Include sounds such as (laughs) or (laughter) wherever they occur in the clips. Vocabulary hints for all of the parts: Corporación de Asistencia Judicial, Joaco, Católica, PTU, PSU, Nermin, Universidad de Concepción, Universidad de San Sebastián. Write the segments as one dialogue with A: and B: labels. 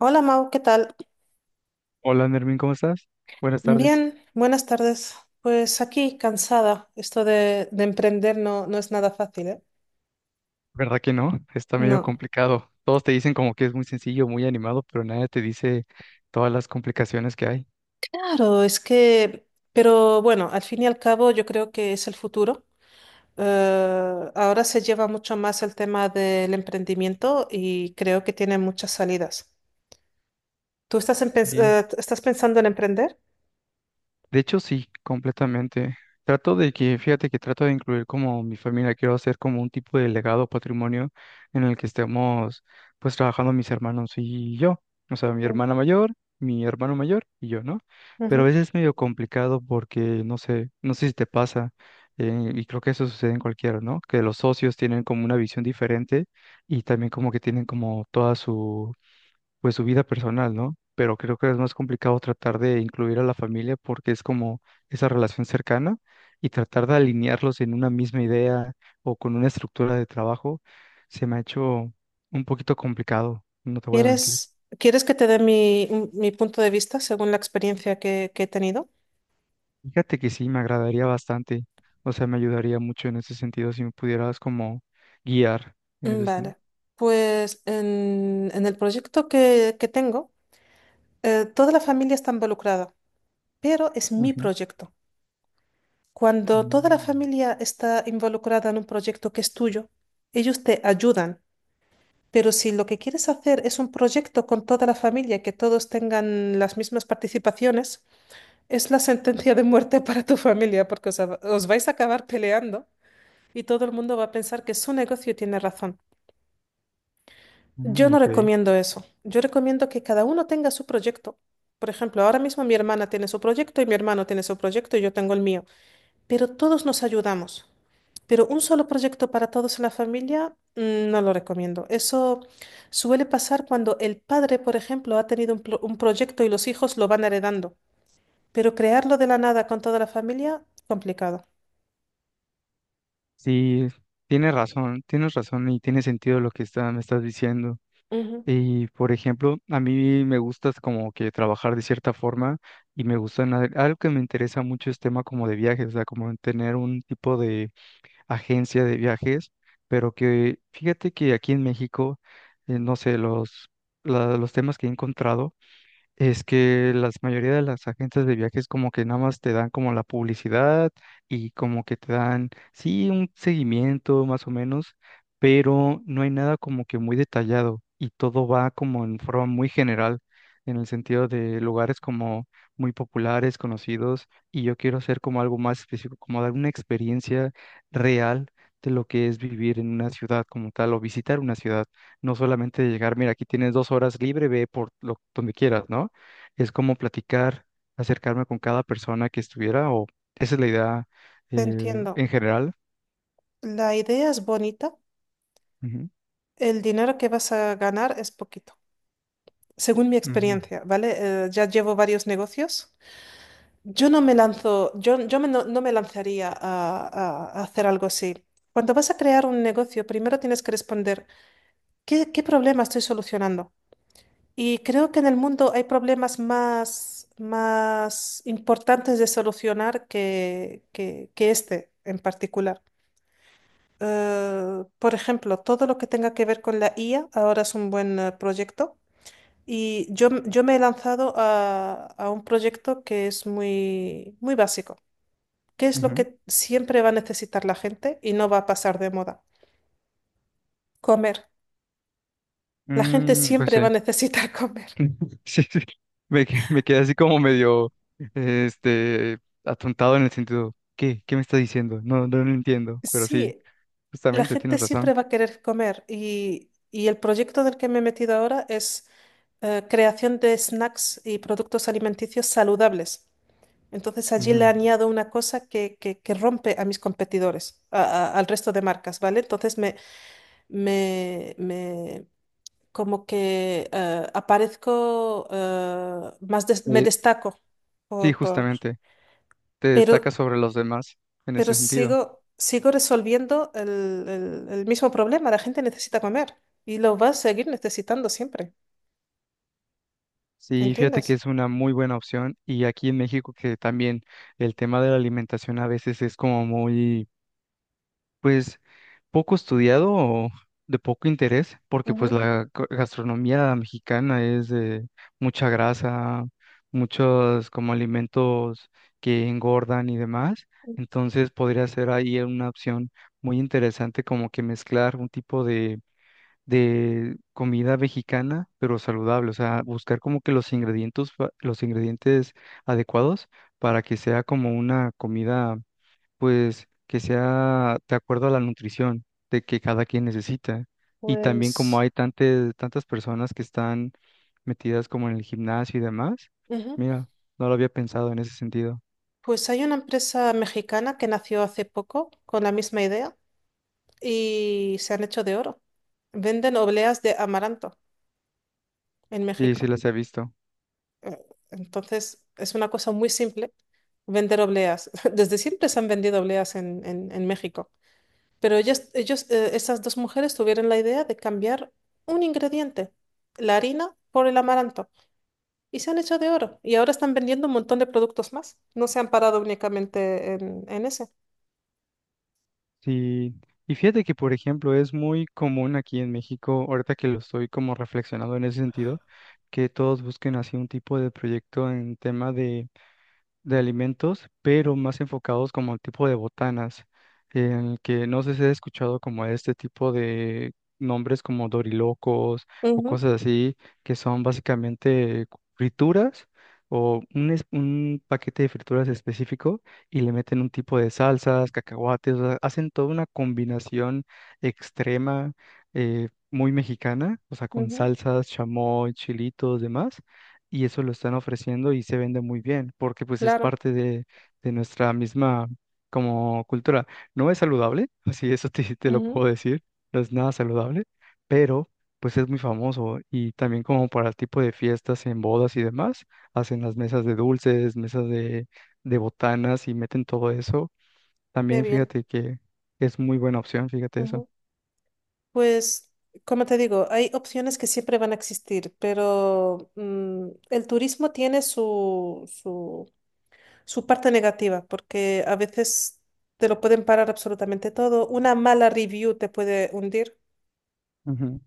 A: Hola Mau, ¿qué tal?
B: Hola, Nermin, ¿cómo estás? Buenas tardes.
A: Bien, buenas tardes. Pues aquí, cansada. Esto de emprender no es nada fácil, ¿eh?
B: ¿Verdad que no? Está medio
A: No.
B: complicado. Todos te dicen como que es muy sencillo, muy animado, pero nadie te dice todas las complicaciones que hay.
A: Claro, es que, pero bueno, al fin y al cabo yo creo que es el futuro. Ahora se lleva mucho más el tema del emprendimiento y creo que tiene muchas salidas. ¿Tú estás,
B: Sí.
A: estás pensando en emprender?
B: De hecho, sí, completamente. Trato de que, fíjate que trato de incluir como mi familia, quiero hacer como un tipo de legado patrimonio en el que estemos pues trabajando mis hermanos y yo. O sea, mi
A: Ujú.
B: hermana mayor, mi hermano mayor y yo, ¿no? Pero a
A: Ujú.
B: veces es medio complicado porque, no sé si te pasa, y creo que eso sucede en cualquiera, ¿no? Que los socios tienen como una visión diferente y también como que tienen como toda pues su vida personal, ¿no? Pero creo que es más complicado tratar de incluir a la familia porque es como esa relación cercana y tratar de alinearlos en una misma idea o con una estructura de trabajo se me ha hecho un poquito complicado, no te voy a mentir.
A: Quieres que te dé mi punto de vista según la experiencia que he tenido?
B: Fíjate que sí, me agradaría bastante, o sea, me ayudaría mucho en ese sentido si me pudieras como guiar en ese sentido.
A: Vale, pues en el proyecto que tengo, toda la familia está involucrada, pero es mi
B: Ujú.
A: proyecto. Cuando toda la
B: Mm,
A: familia está involucrada en un proyecto que es tuyo, ellos te ayudan, pero si lo que quieres hacer es un proyecto con toda la familia, que todos tengan las mismas participaciones, es la sentencia de muerte (laughs) para tu familia, porque os vais a acabar peleando y todo el mundo va a pensar que su negocio tiene razón. Yo no
B: ok.
A: recomiendo eso. Yo recomiendo que cada uno tenga su proyecto. Por ejemplo, ahora mismo mi hermana tiene su proyecto y mi hermano tiene su proyecto y yo tengo el mío. Pero todos nos ayudamos. Pero un solo proyecto para todos en la familia, no lo recomiendo. Eso suele pasar cuando el padre, por ejemplo, ha tenido un proyecto y los hijos lo van heredando. Pero crearlo de la nada con toda la familia, complicado.
B: Sí, tienes razón y tiene sentido lo que está, me estás diciendo.
A: Ujú.
B: Y por ejemplo, a mí me gusta como que trabajar de cierta forma y me gusta algo que me interesa mucho es tema como de viajes, o sea, como en tener un tipo de agencia de viajes, pero que fíjate que aquí en México, no sé, los temas que he encontrado es que la mayoría de las agencias de viajes como que nada más te dan como la publicidad y como que te dan, sí, un seguimiento más o menos, pero no hay nada como que muy detallado y todo va como en forma muy general, en el sentido de lugares como muy populares, conocidos, y yo quiero hacer como algo más específico, como dar una experiencia real de lo que es vivir en una ciudad como tal o visitar una ciudad, no solamente llegar, mira, aquí tienes dos horas libre, ve por lo, donde quieras, ¿no? Es como platicar, acercarme con cada persona que estuviera, o esa es la idea
A: Te entiendo.
B: en general.
A: La idea es bonita,
B: Ujú,
A: el dinero que vas a ganar es poquito, según mi
B: ujú,
A: experiencia, ¿vale? Ya llevo varios negocios. Yo no me lanzo, yo me no, no me lanzaría a hacer algo así. Cuando vas a crear un negocio, primero tienes que responder, qué problema estoy solucionando? Y creo que en el mundo hay problemas más importantes de solucionar que este en particular. Por ejemplo, todo lo que tenga que ver con la IA ahora es un buen proyecto. Y yo me he lanzado a un proyecto que es muy, muy básico. ¿Qué es lo
B: ujú.
A: que siempre va a necesitar la gente y no va a pasar de moda? Comer. La gente
B: Mm, pues
A: siempre
B: sí,
A: va a necesitar (laughs) comer.
B: (laughs) sí, sí. Me quedé así como medio, este, atontado en el sentido, ¿qué? ¿Qué me está diciendo? No, no, lo entiendo, pero sí,
A: Sí, la
B: justamente,
A: gente
B: tienes razón.
A: siempre va a querer comer y el proyecto del que me he metido ahora es creación de snacks y productos alimenticios saludables. Entonces allí le
B: Ujú.
A: añado una cosa que rompe a mis competidores, al resto de marcas, ¿vale? Entonces me como que aparezco me
B: Eh,
A: destaco
B: sí,
A: por- por-
B: justamente, te
A: pero
B: destacas sobre los demás en ese sentido.
A: sigo resolviendo el mismo problema, la gente necesita comer y lo va a seguir necesitando siempre,
B: Sí, fíjate
A: ¿entiendes?
B: que es una muy buena opción y aquí en México que también el tema de la alimentación a veces es como muy, pues, poco estudiado o de poco interés, porque pues
A: Ujú.
B: la gastronomía mexicana es de mucha grasa, muchos como alimentos que engordan y demás, entonces podría ser ahí una opción muy interesante como que mezclar un tipo de comida mexicana, pero saludable, o sea, buscar como que los ingredientes, los ingredientes adecuados para que sea como una comida, pues, que sea de acuerdo a la nutrición de que cada quien necesita. Y también como
A: Pues
B: hay tantas, tantas personas que están metidas como en el gimnasio y demás,
A: ujú.
B: mira, no lo había pensado en ese sentido.
A: Pues hay una empresa mexicana que nació hace poco con la misma idea y se han hecho de oro. Venden obleas de amaranto en
B: Sí, sí
A: México.
B: las he visto.
A: Eh, Entonces, es una cosa muy simple vender obleas. (laughs) Desde siempre se han vendido obleas en México. Pero ellos, esas dos mujeres tuvieron la idea de cambiar un ingrediente, la harina, por el amaranto. Y se han hecho de oro. Y ahora están vendiendo un montón de productos más. No se han parado únicamente en ese.
B: Sí, y fíjate que, por ejemplo, es muy común aquí en México, ahorita que lo estoy como reflexionando en ese sentido, que todos busquen así un tipo de proyecto en tema de alimentos, pero más enfocados como al tipo de botanas, en el que no sé si has escuchado como este tipo de nombres como dorilocos o
A: Ujú,
B: cosas así, que son básicamente frituras o un, un paquete de frituras específico y le meten un tipo de salsas, cacahuates, o sea, hacen toda una combinación extrema, muy mexicana, o sea, con
A: ujú,
B: salsas, chamoy, chilitos, demás y eso lo están ofreciendo y se vende muy bien, porque pues es
A: claro.
B: parte de nuestra misma como cultura. No es saludable, (laughs) así eso te, te lo
A: Ujú,
B: puedo decir, no es nada saludable, pero pues es muy famoso y también como para el tipo de fiestas en bodas y demás, hacen las mesas de dulces, mesas de botanas y meten todo eso.
A: qué
B: También
A: bien.
B: fíjate que es muy buena opción, fíjate eso.
A: Ujú. Pues, como te digo, hay opciones que siempre van a existir, pero el turismo tiene su parte negativa, porque a veces te lo pueden parar absolutamente todo. Una mala review te puede hundir.
B: Ujú,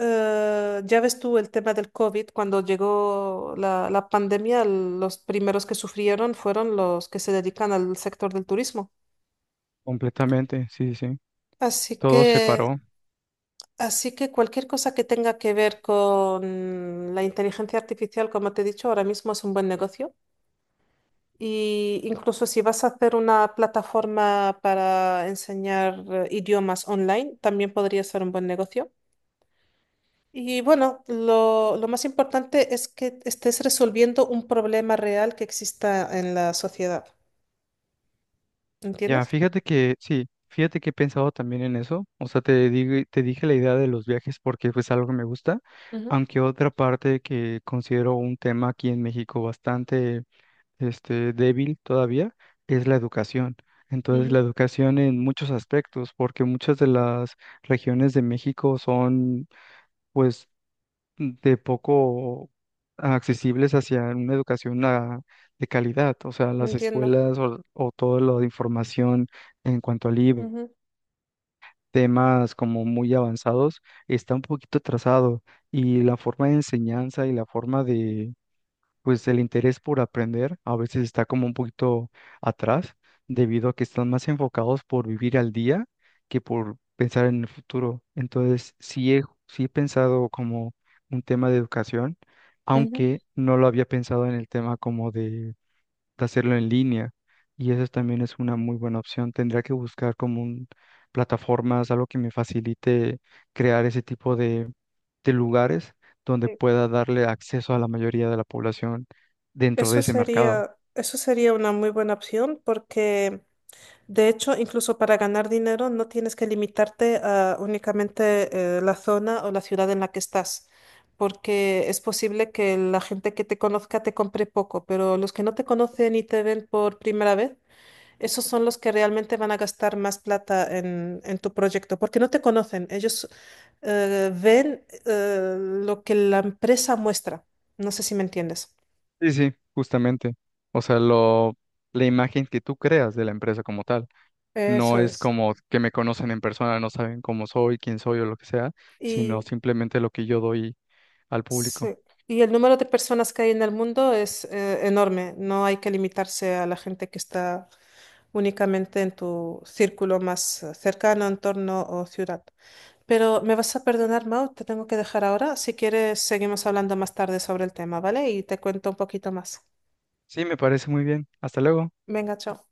A: Ya ves tú el tema del COVID, cuando llegó la pandemia, los primeros que sufrieron fueron los que se dedican al sector del turismo.
B: completamente, sí, sí, sí.
A: Así
B: Todo se
A: que
B: paró.
A: Así que cualquier cosa que tenga que ver con la inteligencia artificial, como te he dicho, ahora mismo es un buen negocio. Y incluso si vas a hacer una plataforma para enseñar idiomas online, también podría ser un buen negocio. Y bueno, lo más importante es que estés resolviendo un problema real que exista en la sociedad.
B: Ya,
A: ¿Entiendes?
B: fíjate que sí, fíjate que he pensado también en eso. O sea, te digo, te dije la idea de los viajes porque es algo que me gusta,
A: Ujú,
B: aunque otra parte que considero un tema aquí en México bastante este débil todavía es la educación. Entonces, la
A: ujú,
B: educación en muchos aspectos, porque muchas de las regiones de México son pues de poco accesibles hacia una educación de calidad, o sea, las
A: entiendo.
B: escuelas o todo lo de información en cuanto a libros,
A: Ujú,
B: temas como muy avanzados, está un poquito atrasado y la forma de enseñanza y la forma de pues el interés por aprender a veces está como un poquito atrás, debido a que están más enfocados por vivir al día que por pensar en el futuro. Entonces, sí he pensado como un tema de educación,
A: ujú.
B: aunque no lo había pensado en el tema como de hacerlo en línea. Y eso también es una muy buena opción. Tendría que buscar como un, plataformas, algo que me facilite crear ese tipo de lugares donde
A: Sí.
B: pueda darle acceso a la mayoría de la población dentro de ese mercado.
A: Eso sería una muy buena opción porque de hecho, incluso para ganar dinero no tienes que limitarte a únicamente la zona o la ciudad en la que estás, porque es posible que la gente que te conozca te compre poco, pero los que no te conocen y te ven por primera vez, esos son los que realmente van a gastar más plata en tu proyecto, porque no te conocen, ellos ven lo que la empresa muestra. No sé si me entiendes.
B: Sí, sí, justamente. O sea, lo, la imagen que tú creas de la empresa como tal. No
A: Eso
B: es
A: es.
B: como que me conocen en persona, no saben cómo soy, quién soy o lo que sea, sino simplemente lo que yo doy al público.
A: Sí. Y el número de personas que hay en el mundo es enorme. No hay que limitarse a la gente que está únicamente en tu círculo más cercano, entorno o ciudad. Pero me vas a perdonar, Mau, te tengo que dejar ahora. Si quieres, seguimos hablando más tarde sobre el tema, ¿vale? Y te cuento un poquito más.
B: Sí, me parece muy bien. Hasta luego.
A: Venga, chao.